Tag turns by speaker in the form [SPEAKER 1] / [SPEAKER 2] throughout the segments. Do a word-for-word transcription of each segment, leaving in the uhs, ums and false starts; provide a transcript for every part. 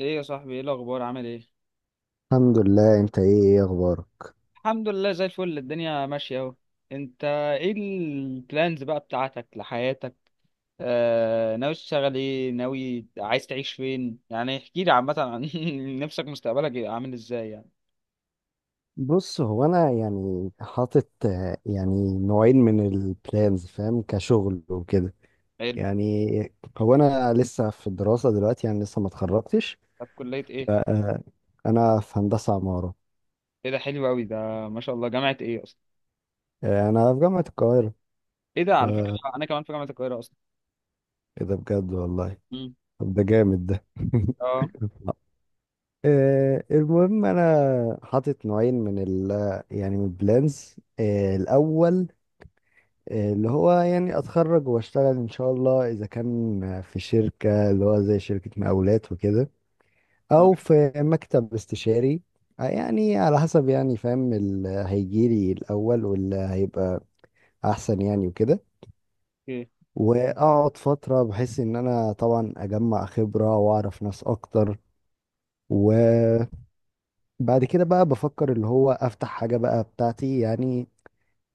[SPEAKER 1] ايه يا صاحبي، ايه الاخبار، عامل ايه؟
[SPEAKER 2] الحمد لله. انت، ايه ايه اخبارك؟
[SPEAKER 1] الحمد لله زي الفل، الدنيا ماشيه اهو. انت، ايه البلانز بقى بتاعتك لحياتك؟ آه ناوي تشتغل ايه؟ ناوي عايز تعيش فين يعني؟ احكي لي عامه عن نفسك، مستقبلك يبقى عامل ازاي يعني.
[SPEAKER 2] بص، هو انا يعني حاطط آه، يعني نوعين من البلانز، فاهم؟ كشغل وكده
[SPEAKER 1] حلو.
[SPEAKER 2] يعني. هو انا لسه في الدراسة دلوقتي، يعني لسه ما اتخرجتش.
[SPEAKER 1] طب كليه ايه؟
[SPEAKER 2] آه، انا في هندسة عمارة.
[SPEAKER 1] ايه ده، حلو قوي ده. ما شاء الله، جامعه ايه اصلا؟
[SPEAKER 2] آه، انا في جامعة القاهرة.
[SPEAKER 1] ايه ده، على فكره
[SPEAKER 2] آه،
[SPEAKER 1] انا كمان في جامعه القاهره اصلا.
[SPEAKER 2] ايه ده بجد والله!
[SPEAKER 1] امم.
[SPEAKER 2] طب ده جامد ده!
[SPEAKER 1] اه،
[SPEAKER 2] آه، المهم انا حاطط نوعين من ال يعني من البلانز، آه، الاول. آه، اللي هو يعني اتخرج واشتغل ان شاء الله، اذا كان في شركة، اللي هو زي شركة مقاولات وكده،
[SPEAKER 1] تمام.
[SPEAKER 2] او في مكتب استشاري. آه، يعني على حسب، يعني فاهم اللي هيجيلي الاول واللي هيبقى احسن يعني وكده.
[SPEAKER 1] اوكي.
[SPEAKER 2] واقعد فترة بحيث ان انا طبعا اجمع خبرة واعرف ناس اكتر، وبعد كده بقى بفكر اللي هو افتح حاجة بقى بتاعتي يعني.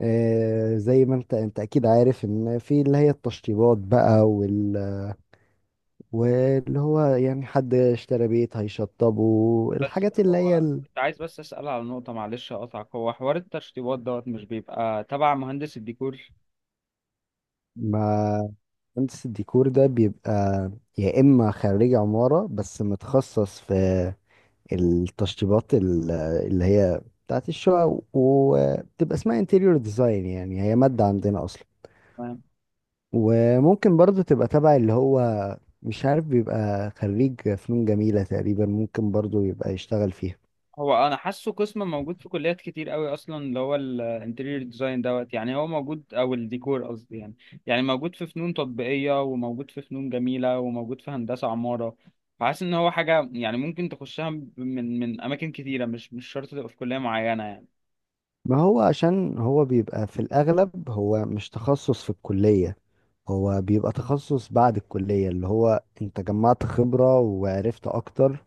[SPEAKER 2] آه، زي ما انت انت اكيد عارف ان في اللي هي التشطيبات بقى وال واللي هو يعني حد اشترى بيت هيشطبه
[SPEAKER 1] بس
[SPEAKER 2] الحاجات اللي هي
[SPEAKER 1] هو
[SPEAKER 2] ال-.
[SPEAKER 1] كنت عايز بس اسال على نقطه، معلش اقطعك، هو حوار التشطيبات دوت مش بيبقى تبع مهندس الديكور؟
[SPEAKER 2] ما مهندس الديكور ده بيبقى يا إما خريج عمارة بس متخصص في التشطيبات ال- اللي هي بتاعت الشقق وبتبقى اسمها انتيريور ديزاين، يعني هي مادة عندنا أصلا. وممكن برضو تبقى تبع اللي هو، مش عارف، بيبقى خريج فنون جميلة تقريبا، ممكن برضو يبقى يشتغل فيها.
[SPEAKER 1] هو انا حاسه قسم موجود في كليات كتير قوي اصلا، اللي هو الانتيريور ديزاين دوت يعني هو موجود، او الديكور قصدي يعني. يعني موجود في فنون تطبيقيه، وموجود في فنون جميله، وموجود في هندسه عماره. فحاسس ان هو حاجه يعني ممكن تخشها من من اماكن كتيره، مش مش شرط تبقى في كليه معينه يعني.
[SPEAKER 2] ما هو عشان هو بيبقى في الأغلب هو مش تخصص في الكلية. هو بيبقى تخصص بعد الكلية، اللي هو أنت جمعت خبرة وعرفت أكتر،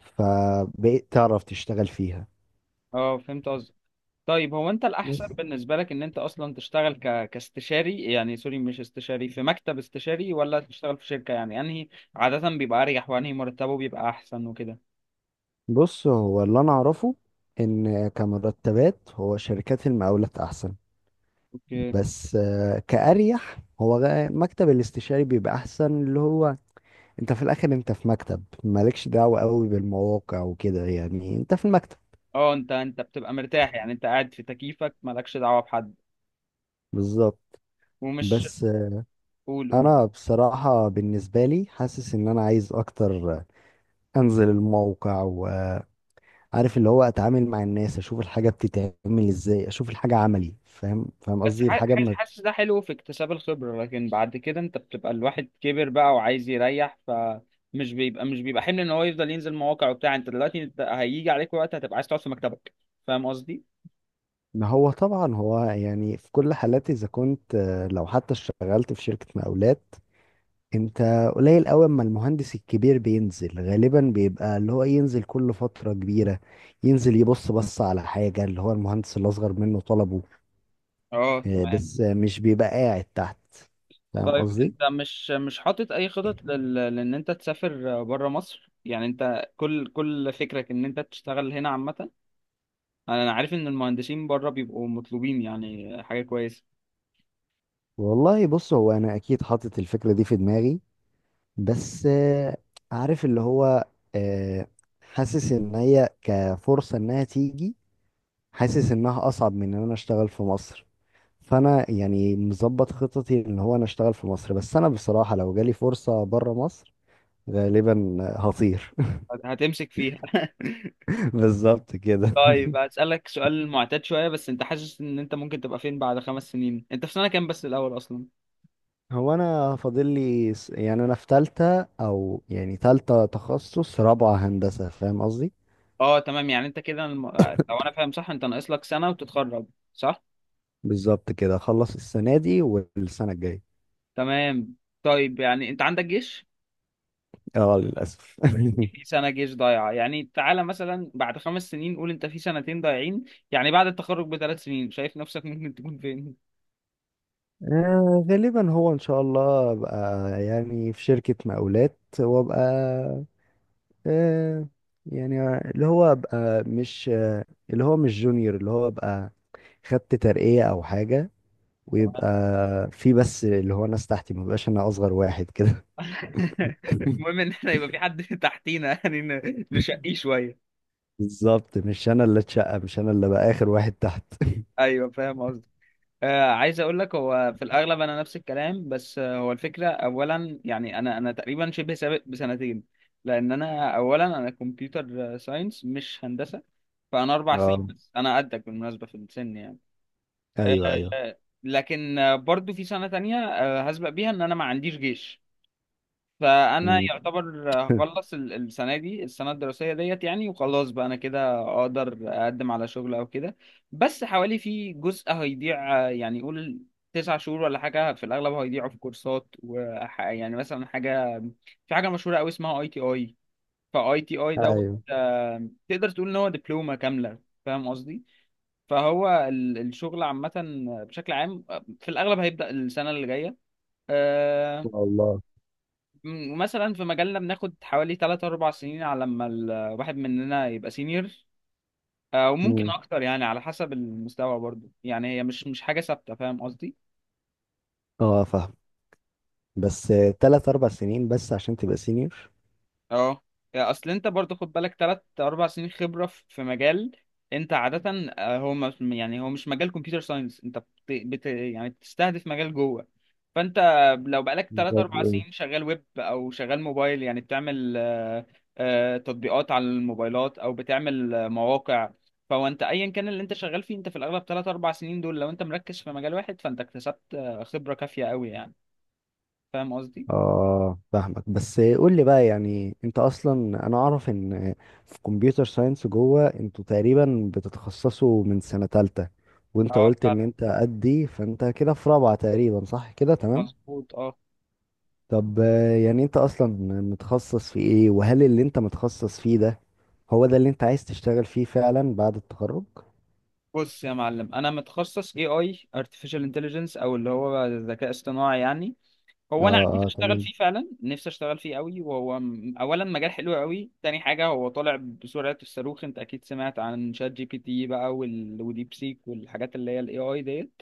[SPEAKER 2] فبقيت تعرف تشتغل فيها.
[SPEAKER 1] اه، فهمت قصدك. طيب هو انت الاحسن
[SPEAKER 2] بس.
[SPEAKER 1] بالنسبه لك ان انت اصلا تشتغل ك... كاستشاري، يعني سوري مش استشاري، في مكتب استشاري، ولا تشتغل في شركه؟ يعني انهي عاده بيبقى اريح، وانهي مرتبه بيبقى احسن وكده.
[SPEAKER 2] بص، هو اللي أنا أعرفه إن كمرتبات، هو شركات المقاولات أحسن.
[SPEAKER 1] اوكي.
[SPEAKER 2] بس آه، كأريح هو غ- مكتب الاستشاري بيبقى أحسن، اللي هو أنت في الآخر أنت في مكتب مالكش دعوة قوي بالمواقع وكده، يعني أنت في المكتب.
[SPEAKER 1] اه، انت انت بتبقى مرتاح، يعني انت قاعد في تكييفك مالكش دعوة بحد،
[SPEAKER 2] بالظبط.
[SPEAKER 1] ومش،
[SPEAKER 2] بس
[SPEAKER 1] قول قول.
[SPEAKER 2] انا بصراحة بالنسبة لي حاسس ان انا عايز اكتر، انزل الموقع وعارف اللي هو، اتعامل مع الناس، اشوف الحاجة بتتعمل ازاي، اشوف الحاجة عملي، فاهم فاهم
[SPEAKER 1] بس
[SPEAKER 2] قصدي
[SPEAKER 1] ح-
[SPEAKER 2] الحاجة.
[SPEAKER 1] ح-
[SPEAKER 2] ما
[SPEAKER 1] حاسس ده حلو في اكتساب الخبرة، لكن بعد كده انت بتبقى الواحد كبر بقى وعايز يريح، فمش بيبقى مش بيبقى حمل ان هو يفضل ينزل مواقع وبتاع. انت دلوقتي انت هيجي عليك وقت هتبقى عايز تقعد في مكتبك، فاهم قصدي؟
[SPEAKER 2] ما هو طبعا، هو يعني في كل حالات، اذا كنت آه، لو حتى اشتغلت في شركة مقاولات، انت قليل قوي اما المهندس الكبير بينزل، غالبا بيبقى اللي هو ينزل كل فترة كبيرة ينزل يبص بص على حاجة اللي هو المهندس الاصغر منه طلبه.
[SPEAKER 1] اه،
[SPEAKER 2] آه،
[SPEAKER 1] تمام.
[SPEAKER 2] بس آه، مش بيبقى قاعد تحت، فاهم
[SPEAKER 1] طيب
[SPEAKER 2] قصدي.
[SPEAKER 1] انت مش مش حاطط اي خطط لل... لان انت تسافر بره مصر، يعني انت كل كل فكرك ان انت تشتغل هنا عامة، انا أنا عارف ان المهندسين بره بيبقوا مطلوبين، يعني حاجه كويسه.
[SPEAKER 2] والله بص، هو انا اكيد حاطط الفكره دي في دماغي. بس آه، عارف اللي هو، آه، حاسس ان هي كفرصه انها تيجي، حاسس انها اصعب من ان انا اشتغل في مصر. فانا يعني مظبط خططي ان هو انا اشتغل في مصر، بس انا بصراحه لو جالي فرصه بره مصر غالبا هطير.
[SPEAKER 1] هت- هتمسك فيها.
[SPEAKER 2] بالظبط كده.
[SPEAKER 1] طيب هسألك سؤال معتاد شويه، بس انت حاسس ان انت ممكن تبقى فين بعد خمس سنين؟ انت في سنه كام بس الاول اصلا؟
[SPEAKER 2] هو انا فاضل لي س- يعني انا في تالتة، او يعني تالتة تخصص رابعة هندسة، فاهم قصدي.
[SPEAKER 1] اه، تمام. يعني انت كده الم... لو انا فاهم صح انت ناقص لك سنه وتتخرج، صح؟
[SPEAKER 2] بالظبط كده، اخلص السنة دي والسنة الجاية.
[SPEAKER 1] تمام. طيب يعني انت عندك جيش،
[SPEAKER 2] اه، للاسف.
[SPEAKER 1] في سنه جيش ضايعه. يعني تعالى مثلا بعد خمس سنين، قول انت في سنتين ضايعين، يعني بعد التخرج بثلاث سنين، شايف نفسك ممكن تكون فين؟
[SPEAKER 2] آه، غالبا هو ان شاء الله ابقى يعني في شركة مقاولات، وابقى آه، يعني اللي هو ابقى مش آه، اللي هو مش جونيور، اللي هو ابقى خدت ترقية او حاجة، ويبقى في بس اللي هو ناس تحتي، مبقاش انا اصغر واحد كده.
[SPEAKER 1] المهم ان احنا يبقى في حد تحتينا، يعني ن- نشقيه شويه.
[SPEAKER 2] بالظبط، مش انا اللي اتشقى، مش انا اللي بقى اخر واحد تحت.
[SPEAKER 1] ايوه، فاهم قصدي. آه عايز اقول لك، هو في الاغلب انا نفس الكلام، بس آه هو الفكره اولا، يعني انا انا تقريبا شبه سابق بسنتين، لان انا اولا، انا كمبيوتر ساينس مش هندسه، فانا اربع سنين،
[SPEAKER 2] اه،
[SPEAKER 1] بس انا قدك بالمناسبه في السن يعني.
[SPEAKER 2] ايوه، ايوه.
[SPEAKER 1] آه لكن آه، برضو في سنه تانية آه هسبق بيها ان انا ما عنديش جيش، فانا
[SPEAKER 2] مم.
[SPEAKER 1] يعتبر هخلص ال- السنه دي، السنه الدراسيه ديت يعني، وخلاص بقى انا كده اقدر اقدم على شغل او كده. بس حوالي في جزء هيضيع، آه، يعني قول تسع شهور ولا حاجه في الاغلب هيضيعوا في كورسات وح يعني مثلا حاجه، في حاجه مشهوره قوي اسمها اي تي اي. فاي تي اي دوت،
[SPEAKER 2] ايوه،
[SPEAKER 1] آه، تقدر تقول ان هو دبلومه كامله، فاهم قصدي؟ فهو ال- الشغل عامه بشكل عام، آه، في الاغلب هيبدا السنه اللي جايه. آه،
[SPEAKER 2] ان شاء الله.
[SPEAKER 1] م- مثلا في مجالنا بناخد حوالي ثلاث أربعة سنين على لما الواحد مننا يبقى سينيور، آه، وممكن
[SPEAKER 2] مم.
[SPEAKER 1] اكتر يعني على حسب المستوى برضو، يعني هي مش مش حاجة ثابتة، فاهم قصدي؟
[SPEAKER 2] اه، فاهم. بس ثلاث اربع سنين بس عشان تبقى سينيور؟
[SPEAKER 1] اه، يعني اصل انت برضو خد بالك تلات اربع سنين خبرة في في مجال انت عادة، آه، هو ما- يعني هو مش مجال كمبيوتر ساينس، انت بت... بت... يعني بتستهدف مجال جوه، فانت لو بقالك تلات
[SPEAKER 2] زي
[SPEAKER 1] اربع
[SPEAKER 2] ايه؟
[SPEAKER 1] سنين شغال ويب او شغال موبايل، يعني بتعمل آه، آه، تطبيقات على الموبايلات، او بتعمل آه، مواقع، فهو انت ايا كان اللي انت شغال فيه، انت في الاغلب تلات اربع سنين دول لو انت مركز في مجال واحد، فانت اكتسبت آه، خبرة كافية قوي يعني، فاهم قصدي؟
[SPEAKER 2] اه، فاهمك. بس قول لي بقى، يعني انت اصلا، انا اعرف ان في كمبيوتر ساينس جوه انتوا تقريبا بتتخصصوا من سنة تالتة، وانت
[SPEAKER 1] اه،
[SPEAKER 2] قلت ان
[SPEAKER 1] فعلا.
[SPEAKER 2] انت قدي، فانت كده في رابعة تقريبا، صح كده؟ تمام.
[SPEAKER 1] مظبوط، اه.
[SPEAKER 2] طب آه، يعني انت اصلا متخصص في ايه، وهل اللي انت متخصص فيه ده هو ده اللي انت عايز تشتغل فيه فعلا بعد التخرج؟
[SPEAKER 1] بص يا معلم، انا متخصص اي اي، ارتفيشال انتليجنس، او اللي هو ذكاء اصطناعي يعني.
[SPEAKER 2] اه،
[SPEAKER 1] هو انا عايز
[SPEAKER 2] اه،
[SPEAKER 1] اشتغل
[SPEAKER 2] تمام.
[SPEAKER 1] فيه فعلا، نفسي اشتغل فيه قوي، وهو م- اولا مجال حلو قوي، تاني حاجه هو طالع بسرعه الصاروخ، انت اكيد سمعت عن شات جي بي تي بقى، وال... وديب سيك والحاجات اللي هي الاي اي ديت.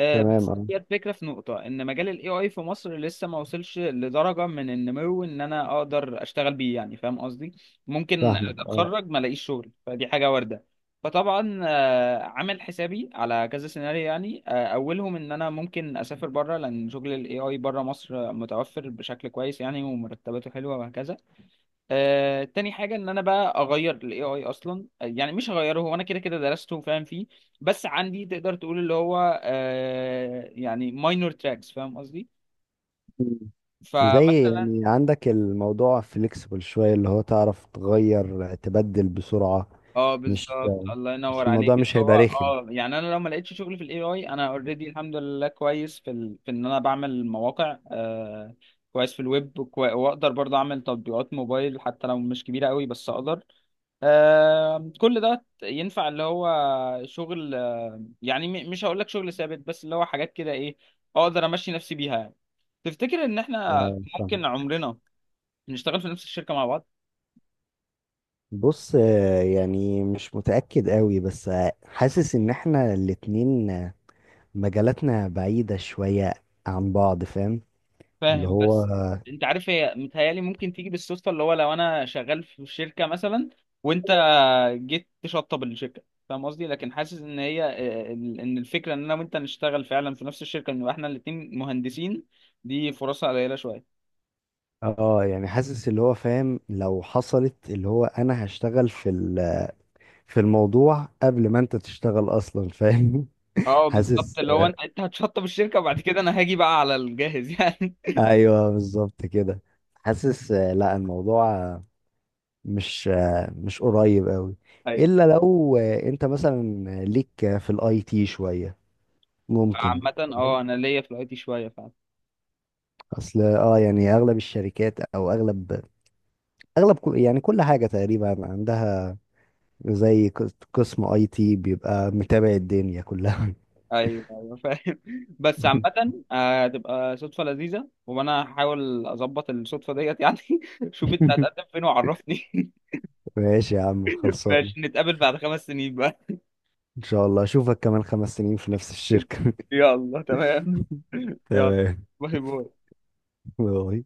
[SPEAKER 1] آه،
[SPEAKER 2] تمام.
[SPEAKER 1] بس
[SPEAKER 2] اه،
[SPEAKER 1] هي الفكرة في نقطة إن مجال ال إيه آي في مصر لسه ما وصلش لدرجة من النمو إن أنا أقدر أشتغل بيه يعني، فاهم قصدي؟ ممكن
[SPEAKER 2] فاهمك. اه.
[SPEAKER 1] أتخرج ما ألاقيش شغل، فدي حاجة واردة. فطبعا آه، عامل حسابي على كذا سيناريو، يعني آه، أولهم إن أنا ممكن أسافر بره، لأن شغل ال إيه آي بره مصر متوفر بشكل كويس يعني ومرتباته حلوة وهكذا. آه، تاني حاجة ان انا بقى اغير الاي اي اصلا، آه، يعني مش هغيره، هو انا كده كده درسته وفاهم فيه، بس عندي تقدر تقول اللي هو آه، يعني ماينور تراكس، فاهم قصدي؟
[SPEAKER 2] مم. زي
[SPEAKER 1] فمثلا.
[SPEAKER 2] يعني عندك الموضوع فليكسبل شوية، اللي هو تعرف تغير تبدل بسرعة.
[SPEAKER 1] اه
[SPEAKER 2] مش
[SPEAKER 1] بالظبط، الله
[SPEAKER 2] مش
[SPEAKER 1] ينور
[SPEAKER 2] الموضوع
[SPEAKER 1] عليك، اللي
[SPEAKER 2] مش
[SPEAKER 1] هو
[SPEAKER 2] هيبقى رخم.
[SPEAKER 1] اه يعني انا لو ما لقيتش شغل في الاي اي، انا اوريدي الحمد لله كويس في ال... في ان انا بعمل مواقع، آه، كويس في الويب، كوي... واقدر برضه اعمل تطبيقات موبايل حتى لو مش كبيرة قوي، بس اقدر، آه، كل ده ينفع اللي هو شغل، آه، يعني م- مش هقول لك شغل ثابت، بس اللي هو حاجات كده ايه، اقدر امشي نفسي بيها يعني. تفتكر ان احنا
[SPEAKER 2] اه، فاهم.
[SPEAKER 1] ممكن عمرنا نشتغل في نفس الشركة مع بعض؟
[SPEAKER 2] بص آه، يعني مش متأكد قوي، بس آه، حاسس ان احنا الاتنين آه، مجالاتنا بعيدة شوية عن بعض، فاهم، اللي
[SPEAKER 1] فاهم،
[SPEAKER 2] هو.
[SPEAKER 1] بس انت عارف هي متهيألي ممكن تيجي بالصدفة، اللي هو لو انا شغال في شركة مثلا، وانت جيت تشطب الشركة، فاهم قصدي، لكن حاسس ان هي آه، ان الفكرة ان انا وانت نشتغل فعلا في نفس الشركة، نبقى احنا الاتنين مهندسين، دي فرصها قليلة شوية.
[SPEAKER 2] اه، يعني حاسس اللي هو فاهم لو حصلت اللي هو انا هشتغل في ال- في الموضوع قبل ما انت تشتغل اصلا، فاهم.
[SPEAKER 1] اه بالظبط،
[SPEAKER 2] حاسس،
[SPEAKER 1] اللي هو انت انت هتشطب الشركه، وبعد كده انا هاجي بقى على الجاهز يعني.
[SPEAKER 2] ايوه بالظبط كده. حاسس آه، لا الموضوع آه، مش آه، مش قريب قوي.
[SPEAKER 1] ايوه.
[SPEAKER 2] الا لو آه، انت مثلا ليك آه، في الاي تي شوية، ممكن.
[SPEAKER 1] عامه
[SPEAKER 2] فاهم؟
[SPEAKER 1] اه، انا ليا في الاي شويه فعلا.
[SPEAKER 2] اصل، اه، يعني اغلب الشركات، او اغلب اغلب كل- يعني كل حاجة تقريبا عندها زي قس- قسم اي تي بيبقى متابع الدنيا كلها.
[SPEAKER 1] ايوه ايوه، فاهم. بس عامه آه، هتبقى صدفه لذيذه، وانا هحاول اظبط الصدفه ديت يعني. شوف انت هتقدم فين وعرفني.
[SPEAKER 2] ماشي يا عم، خلصان.
[SPEAKER 1] ماشي نتقابل بعد خمس سنين بقى.
[SPEAKER 2] ان شاء الله اشوفك كمان خمس سنين في نفس الشركة.
[SPEAKER 1] يلا تمام. يلا.
[SPEAKER 2] تمام.
[SPEAKER 1] باي باي.
[SPEAKER 2] باي.